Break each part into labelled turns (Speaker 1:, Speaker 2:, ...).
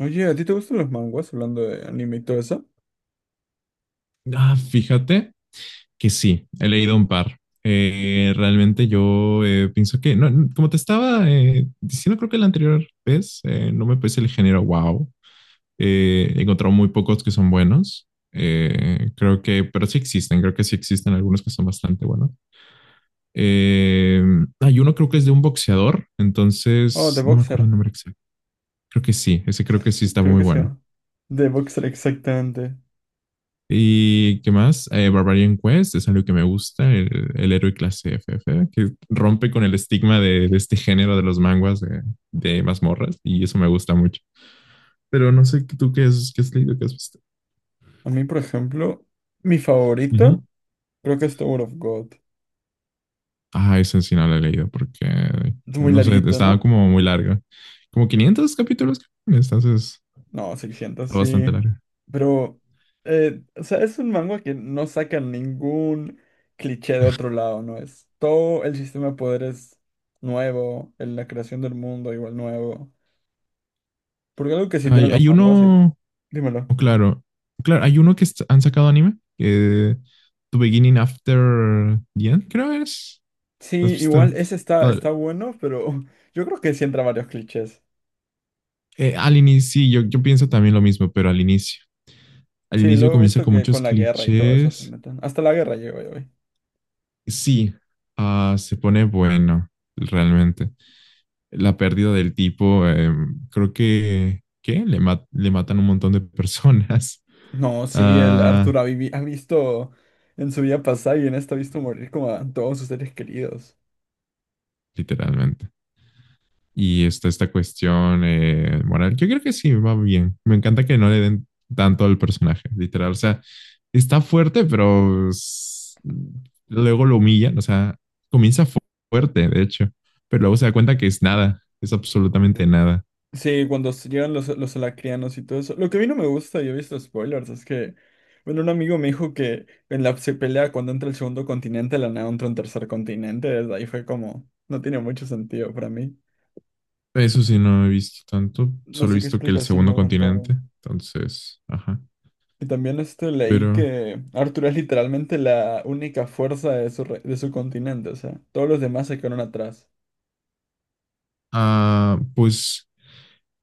Speaker 1: Oye, ¿a ti te gustan los manguas hablando de anime y todo eso?
Speaker 2: Ah, fíjate que sí, he leído un par. Realmente yo pienso que, no, no, como te estaba diciendo, creo que la anterior vez, no me parece el género wow. He encontrado muy pocos que son buenos. Creo que, pero sí existen, creo que sí existen algunos que son bastante buenos. Eh, Hay uno creo que es de un boxeador,
Speaker 1: Oh,
Speaker 2: entonces
Speaker 1: The
Speaker 2: no me acuerdo
Speaker 1: Boxer.
Speaker 2: el nombre exacto. Creo que sí, ese
Speaker 1: Creo
Speaker 2: creo
Speaker 1: que
Speaker 2: que sí
Speaker 1: sí,
Speaker 2: está
Speaker 1: creo
Speaker 2: muy
Speaker 1: que se
Speaker 2: bueno.
Speaker 1: llama. The Boxer, exactamente.
Speaker 2: ¿Y qué más? Barbarian Quest es algo que me gusta, el héroe clase FF, que rompe con el estigma de este género de los manguas de mazmorras, y eso me gusta mucho. Pero no sé tú qué, es, qué has leído, qué has visto.
Speaker 1: A mí, por ejemplo, mi favorito
Speaker 2: Ujú.
Speaker 1: creo que es Tower of God.
Speaker 2: Ah, ese sí no lo he leído porque,
Speaker 1: Es muy
Speaker 2: no sé,
Speaker 1: larguito,
Speaker 2: estaba
Speaker 1: ¿no?
Speaker 2: como muy larga. Como 500 capítulos, entonces
Speaker 1: No, 600,
Speaker 2: está bastante
Speaker 1: sí.
Speaker 2: larga.
Speaker 1: Pero, o sea, es un manga que no saca ningún cliché de otro lado, ¿no? Es todo el sistema de poderes nuevo, en la creación del mundo igual nuevo. Porque algo que sí tienen
Speaker 2: Hay,
Speaker 1: los
Speaker 2: hay
Speaker 1: manguas, sí.
Speaker 2: uno,
Speaker 1: Dímelo.
Speaker 2: oh, claro, claro, hay uno que han sacado anime, que. To Beginning After the End, creo es. ¿Has
Speaker 1: Sí,
Speaker 2: visto?
Speaker 1: igual ese está,
Speaker 2: Tal-
Speaker 1: está bueno, pero yo creo que sí entra varios clichés.
Speaker 2: Al inicio, sí, yo pienso también lo mismo, pero al inicio. Al
Speaker 1: Sí,
Speaker 2: inicio
Speaker 1: luego he
Speaker 2: comienza
Speaker 1: visto
Speaker 2: con
Speaker 1: que con
Speaker 2: muchos
Speaker 1: la guerra y todo eso se
Speaker 2: clichés.
Speaker 1: meten. Hasta la guerra llegó yo hoy.
Speaker 2: Sí, ah, se pone bueno, realmente. La pérdida del tipo, creo que, ¿qué? Le matan un montón de personas,
Speaker 1: No, sí, el
Speaker 2: ah,
Speaker 1: Arturo ha, ha visto en su vida pasada y en esta ha visto morir como a todos sus seres queridos.
Speaker 2: literalmente. Y está esta cuestión moral. Yo creo que sí, va bien. Me encanta que no le den tanto al personaje, literal. O sea, está fuerte, pero luego lo humillan. O sea, comienza fuerte, de hecho, pero luego se da cuenta que es nada, es absolutamente nada.
Speaker 1: Sí, cuando llegan los alacrianos y todo eso. Lo que a mí no me gusta, y he visto spoilers, es que, bueno, un amigo me dijo que en la se pelea cuando entra el segundo continente, de la nada entra un tercer continente. Desde ahí fue como, no tiene mucho sentido para mí.
Speaker 2: Eso sí, no he visto tanto.
Speaker 1: No
Speaker 2: Solo he
Speaker 1: sé qué
Speaker 2: visto que el
Speaker 1: explicación le
Speaker 2: segundo
Speaker 1: habrán dado.
Speaker 2: continente. Entonces, ajá.
Speaker 1: Y también este, leí
Speaker 2: Pero,
Speaker 1: que Arthur es literalmente la única fuerza de su, de su continente, o sea, todos los demás se quedaron atrás.
Speaker 2: ah, pues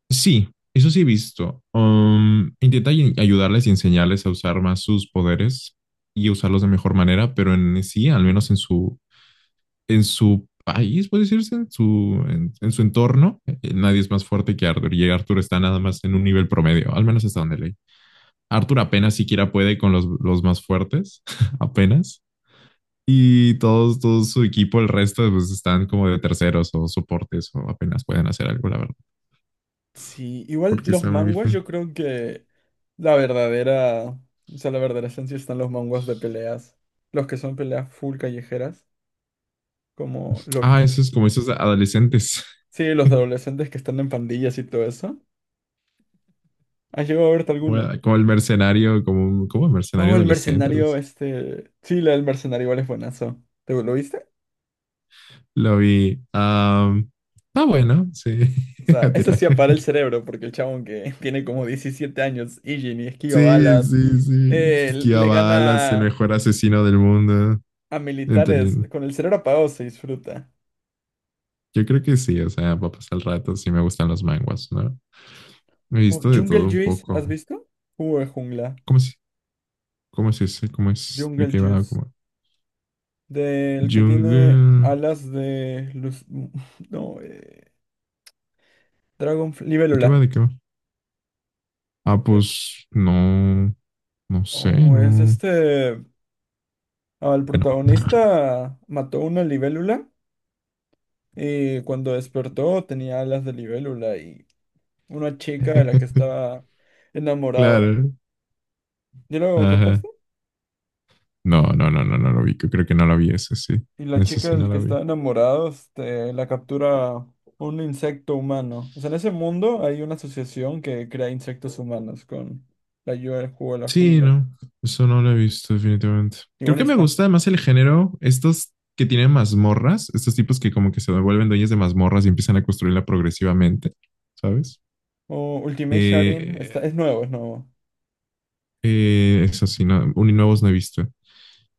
Speaker 2: sí, eso sí he visto. Intenta ayudarles y enseñarles a usar más sus poderes y usarlos de mejor manera, pero en sí, al menos en su país, puede decirse, en su entorno, nadie es más fuerte que Arthur y Arthur está nada más en un nivel promedio, al menos hasta donde leí. Arthur apenas siquiera puede con los más fuertes, apenas. Y todos, todo su equipo, el resto, pues están como de terceros o soportes o apenas pueden hacer algo, la verdad,
Speaker 1: Sí, igual
Speaker 2: porque
Speaker 1: los
Speaker 2: está muy
Speaker 1: manguas
Speaker 2: difícil.
Speaker 1: yo creo que la verdadera, o sea, la verdadera esencia están los manguas de peleas, los que son peleas full callejeras, como
Speaker 2: Ah,
Speaker 1: Loki.
Speaker 2: eso es como esos adolescentes.
Speaker 1: Sí, los de adolescentes que están en pandillas y todo eso. ¿Has llegado a verte
Speaker 2: Como,
Speaker 1: alguno?
Speaker 2: como el mercenario, como el mercenario
Speaker 1: Oh, el
Speaker 2: adolescente, algo
Speaker 1: mercenario,
Speaker 2: así.
Speaker 1: este... Sí, la del mercenario igual es buenazo. ¿Te lo viste?
Speaker 2: Lo vi. Ah, bueno, sí.
Speaker 1: O sea,
Speaker 2: A
Speaker 1: eso
Speaker 2: tirar.
Speaker 1: sí para el cerebro, porque el chabón que tiene como 17 años, Ijin, y esquiva
Speaker 2: Sí,
Speaker 1: balas,
Speaker 2: sí, sí. Se esquivaba
Speaker 1: le
Speaker 2: balas, el
Speaker 1: gana
Speaker 2: mejor asesino del mundo.
Speaker 1: a militares.
Speaker 2: Entendido.
Speaker 1: Con el cerebro apagado se disfruta.
Speaker 2: Yo creo que sí, o sea, va a pasar el rato, sí me gustan los manguas, ¿no? He visto de
Speaker 1: Jungle
Speaker 2: todo un
Speaker 1: Juice,
Speaker 2: poco.
Speaker 1: ¿has visto? Jugo de jungla.
Speaker 2: ¿Cómo es? ¿Cómo es ese? ¿Cómo es? ¿De
Speaker 1: Jungle
Speaker 2: qué va?
Speaker 1: Juice.
Speaker 2: ¿Cómo?
Speaker 1: Del que tiene
Speaker 2: Jungle.
Speaker 1: alas de luz. No, Dragon.
Speaker 2: ¿De qué va?
Speaker 1: Libélula.
Speaker 2: ¿De qué va? Ah,
Speaker 1: Eh,
Speaker 2: pues no, no sé,
Speaker 1: oh, es
Speaker 2: no.
Speaker 1: este. Al protagonista mató una libélula. Y cuando despertó tenía alas de libélula y una chica de la que estaba enamorado.
Speaker 2: Claro.
Speaker 1: ¿Ya lo
Speaker 2: Ajá.
Speaker 1: captaste?
Speaker 2: No, no, no, no, no lo vi. Creo que no la vi, ese sí.
Speaker 1: Y la
Speaker 2: Ese
Speaker 1: chica
Speaker 2: sí no
Speaker 1: del que
Speaker 2: la vi.
Speaker 1: estaba enamorado, este, la captura un insecto humano. O sea, en ese mundo hay una asociación que crea insectos humanos con la ayuda del juego de la
Speaker 2: Sí,
Speaker 1: jungla.
Speaker 2: no. Eso no lo he visto, definitivamente. Creo
Speaker 1: Igual
Speaker 2: que me
Speaker 1: está.
Speaker 2: gusta más el género, estos que tienen mazmorras, estos tipos que como que se vuelven dueños de mazmorras y empiezan a construirla progresivamente, ¿sabes?
Speaker 1: O Ultimate Sharing,
Speaker 2: Eh,
Speaker 1: está, es nuevo, es nuevo.
Speaker 2: Eso sí, no, nuevos no he visto.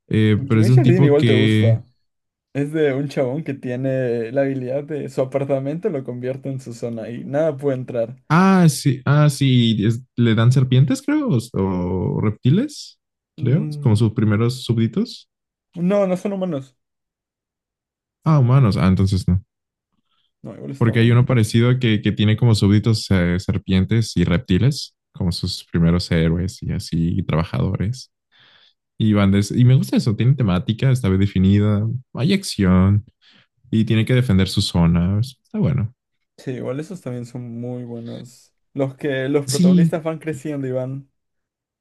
Speaker 2: Pero es
Speaker 1: Ultimate
Speaker 2: de un
Speaker 1: Sharing
Speaker 2: tipo
Speaker 1: igual te
Speaker 2: que
Speaker 1: gusta. Es de un chabón que tiene la habilidad de su apartamento lo convierte en su zona y nada puede entrar.
Speaker 2: ah, sí, ah, sí, le dan serpientes, creo, o reptiles, creo, como
Speaker 1: Mm,
Speaker 2: sus primeros súbditos.
Speaker 1: no, no son humanos.
Speaker 2: Ah, humanos, ah, entonces no.
Speaker 1: No, igual está
Speaker 2: Porque hay uno
Speaker 1: bueno.
Speaker 2: parecido que tiene como súbditos serpientes y reptiles, como sus primeros héroes y así, y trabajadores. Y y me gusta eso, tiene temática, está bien definida, hay acción y tiene que defender sus zonas. Está bueno.
Speaker 1: Sí, igual esos también son muy buenos. Los que los
Speaker 2: Sí,
Speaker 1: protagonistas van creciendo y van.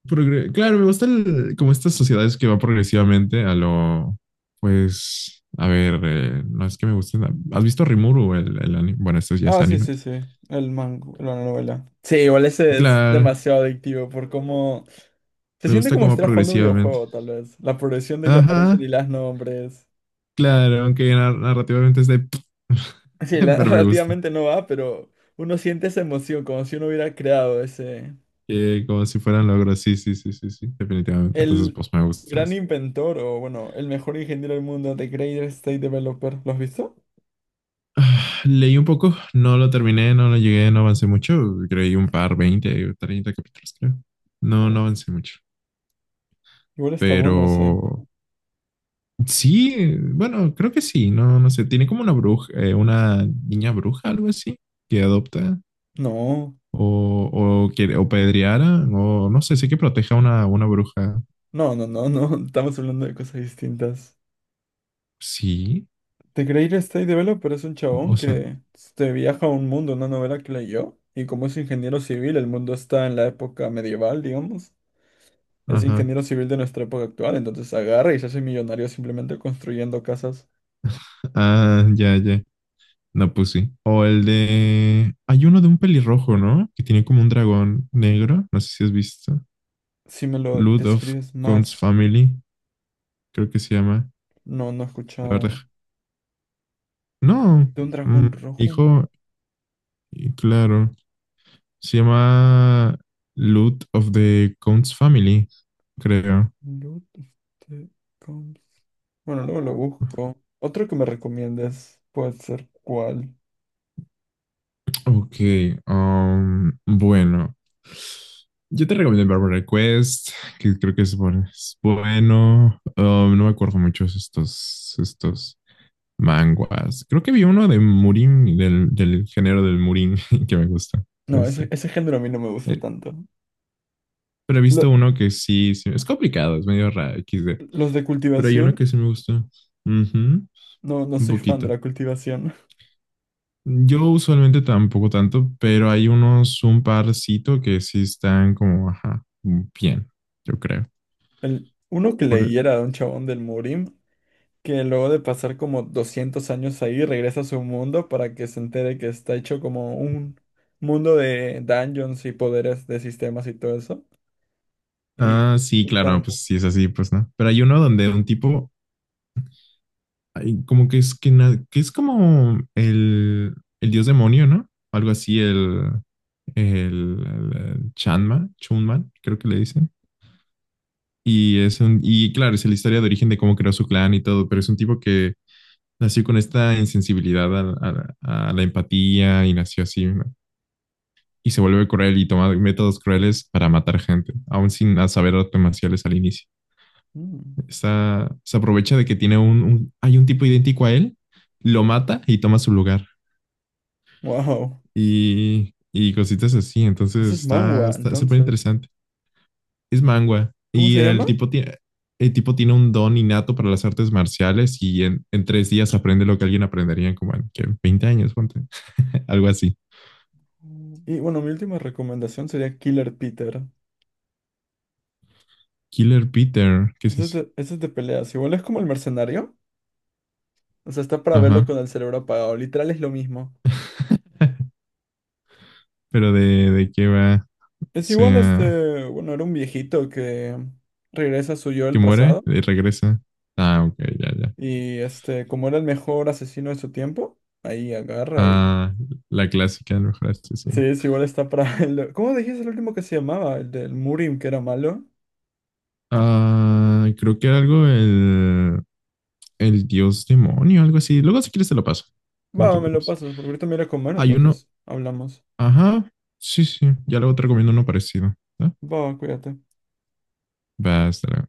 Speaker 2: Claro, me gustan como estas sociedades que van progresivamente a lo, pues, a ver, no es que me gusten. ¿Has visto Rimuru, el anime? Bueno, esto ya es
Speaker 1: Ah, sí,
Speaker 2: anime.
Speaker 1: sí, sí. El mango, la novela. Sí, igual ese es
Speaker 2: Claro,
Speaker 1: demasiado adictivo por cómo. Se
Speaker 2: me
Speaker 1: siente
Speaker 2: gusta
Speaker 1: como si
Speaker 2: como
Speaker 1: estuvieras jugando un
Speaker 2: progresivamente.
Speaker 1: videojuego, tal vez. La progresión de que aparecen
Speaker 2: Ajá,
Speaker 1: y las nombres.
Speaker 2: claro, aunque narrativamente es de.
Speaker 1: Sí,
Speaker 2: Pero me gusta.
Speaker 1: relativamente no va, pero uno siente esa emoción, como si uno hubiera creado ese.
Speaker 2: Como si fueran logros, sí, sí, sí, sí, sí, definitivamente. Entonces,
Speaker 1: El
Speaker 2: pues me gusta
Speaker 1: gran
Speaker 2: eso.
Speaker 1: inventor, o bueno, el mejor ingeniero del mundo, The Greatest State Developer. ¿Lo has visto?
Speaker 2: Leí un poco, no lo terminé, no lo llegué, no avancé mucho. Creí un par, 20 o 30 capítulos, creo. No, no
Speaker 1: No.
Speaker 2: avancé mucho.
Speaker 1: Igual está
Speaker 2: Pero
Speaker 1: bueno ese.
Speaker 2: sí, bueno, creo que sí, no, no sé, tiene como una bruja, una niña bruja, algo así, que adopta
Speaker 1: No.
Speaker 2: o, o que o pedreara, o no sé, sé que proteja a una bruja.
Speaker 1: No, estamos hablando de cosas distintas.
Speaker 2: Sí,
Speaker 1: The Greatest State Developer es un
Speaker 2: o, o
Speaker 1: chabón
Speaker 2: sea,
Speaker 1: que este, viaja a un mundo, una novela que leyó, y como es ingeniero civil, el mundo está en la época medieval, digamos. Es
Speaker 2: ajá,
Speaker 1: ingeniero civil de nuestra época actual, entonces agarra y se hace millonario simplemente construyendo casas.
Speaker 2: ah, ya, ya, no, pues sí. O el de, hay uno de un pelirrojo, ¿no? Que tiene como un dragón negro, no sé si has visto.
Speaker 1: Si me lo
Speaker 2: Lord of
Speaker 1: describes
Speaker 2: Con's
Speaker 1: más,
Speaker 2: Family, creo que se llama.
Speaker 1: no, no he
Speaker 2: A ver,
Speaker 1: escuchado.
Speaker 2: no,
Speaker 1: De un
Speaker 2: mm,
Speaker 1: dragón rojo, un
Speaker 2: hijo, y claro. Se llama Loot of the Counts Family, creo.
Speaker 1: Lord of the Combs. Bueno, luego lo busco. Otro que me recomiendes puede ser cuál.
Speaker 2: Ok, bueno. Yo te recomiendo Barbara Request, que creo que es bueno. Es bueno. No me acuerdo muchos estos manguas. Creo que vi uno de Murin, del género del Murin, que me gusta.
Speaker 1: No,
Speaker 2: Este,
Speaker 1: ese género a mí no me gusta
Speaker 2: eh,
Speaker 1: tanto.
Speaker 2: pero he visto
Speaker 1: Lo-
Speaker 2: uno que sí, sí, es complicado, es medio raro, XD.
Speaker 1: los de
Speaker 2: Pero hay uno
Speaker 1: cultivación,
Speaker 2: que sí me gusta. Ujú.
Speaker 1: no, no
Speaker 2: Un
Speaker 1: soy fan de
Speaker 2: poquito.
Speaker 1: la cultivación.
Speaker 2: Yo usualmente tampoco tanto, pero hay unos, un parcito que sí están como, ajá, bien, yo creo.
Speaker 1: El, uno que leí
Speaker 2: Por-
Speaker 1: era de un chabón del Murim, que luego de pasar como 200 años ahí, regresa a su mundo para que se entere que está hecho como un mundo de dungeons y poderes de sistemas y todo eso. Y
Speaker 2: Ah, sí, claro,
Speaker 1: juntan,
Speaker 2: pues
Speaker 1: pues,
Speaker 2: sí es así, pues no. Pero hay uno donde un tipo, ay, como que es que, que es como el dios demonio, ¿no? Algo así, el, el Chanma, Chunman, creo que le dicen. Y es un, y claro, es la historia de origen de cómo creó su clan y todo, pero es un tipo que nació con esta insensibilidad a la empatía y nació así, ¿no? Y se vuelve cruel y toma métodos crueles para matar gente, aún sin saber artes marciales al inicio.
Speaker 1: mm,
Speaker 2: Se aprovecha de que tiene hay un tipo idéntico a él, lo mata y toma su lugar.
Speaker 1: wow,
Speaker 2: Y cositas así,
Speaker 1: ese
Speaker 2: entonces
Speaker 1: es
Speaker 2: está,
Speaker 1: manhwa,
Speaker 2: está súper
Speaker 1: entonces.
Speaker 2: interesante. Es manga.
Speaker 1: ¿Cómo
Speaker 2: Y
Speaker 1: se
Speaker 2: el
Speaker 1: llama?
Speaker 2: tipo tiene un don innato para las artes marciales y en 3 días aprende lo que alguien aprendería en como en ¿qué? 20 años, ponte. Algo así.
Speaker 1: Mm. Y bueno, mi última recomendación sería Killer Peter.
Speaker 2: Killer Peter, ¿qué es eso?
Speaker 1: Eso es de peleas. Igual es como el mercenario. O sea, está para verlo
Speaker 2: Ajá.
Speaker 1: con el cerebro apagado. Literal es lo mismo.
Speaker 2: Pero de qué va, o
Speaker 1: Es igual
Speaker 2: sea,
Speaker 1: este, bueno, era un viejito que regresa a su yo
Speaker 2: que
Speaker 1: del
Speaker 2: muere
Speaker 1: pasado.
Speaker 2: y regresa. Ah, ok, ya, ya.
Speaker 1: Y este, como era el mejor asesino de su tiempo, ahí agarra y...
Speaker 2: Ah, la clásica del mejor
Speaker 1: Sí,
Speaker 2: asesino.
Speaker 1: es igual está para... ¿Cómo dijiste el último que se llamaba? El del Murim, que era malo.
Speaker 2: Ah, creo que era algo el dios demonio, algo así. Luego si quieres te lo paso, no te
Speaker 1: Va, me lo
Speaker 2: preocupes.
Speaker 1: pasas, porque ahorita me iré a comer,
Speaker 2: Hay uno,
Speaker 1: entonces hablamos.
Speaker 2: ajá, sí, sí, ya luego te recomiendo uno parecido. ¿No?
Speaker 1: Va, cuídate.
Speaker 2: Va, hasta luego.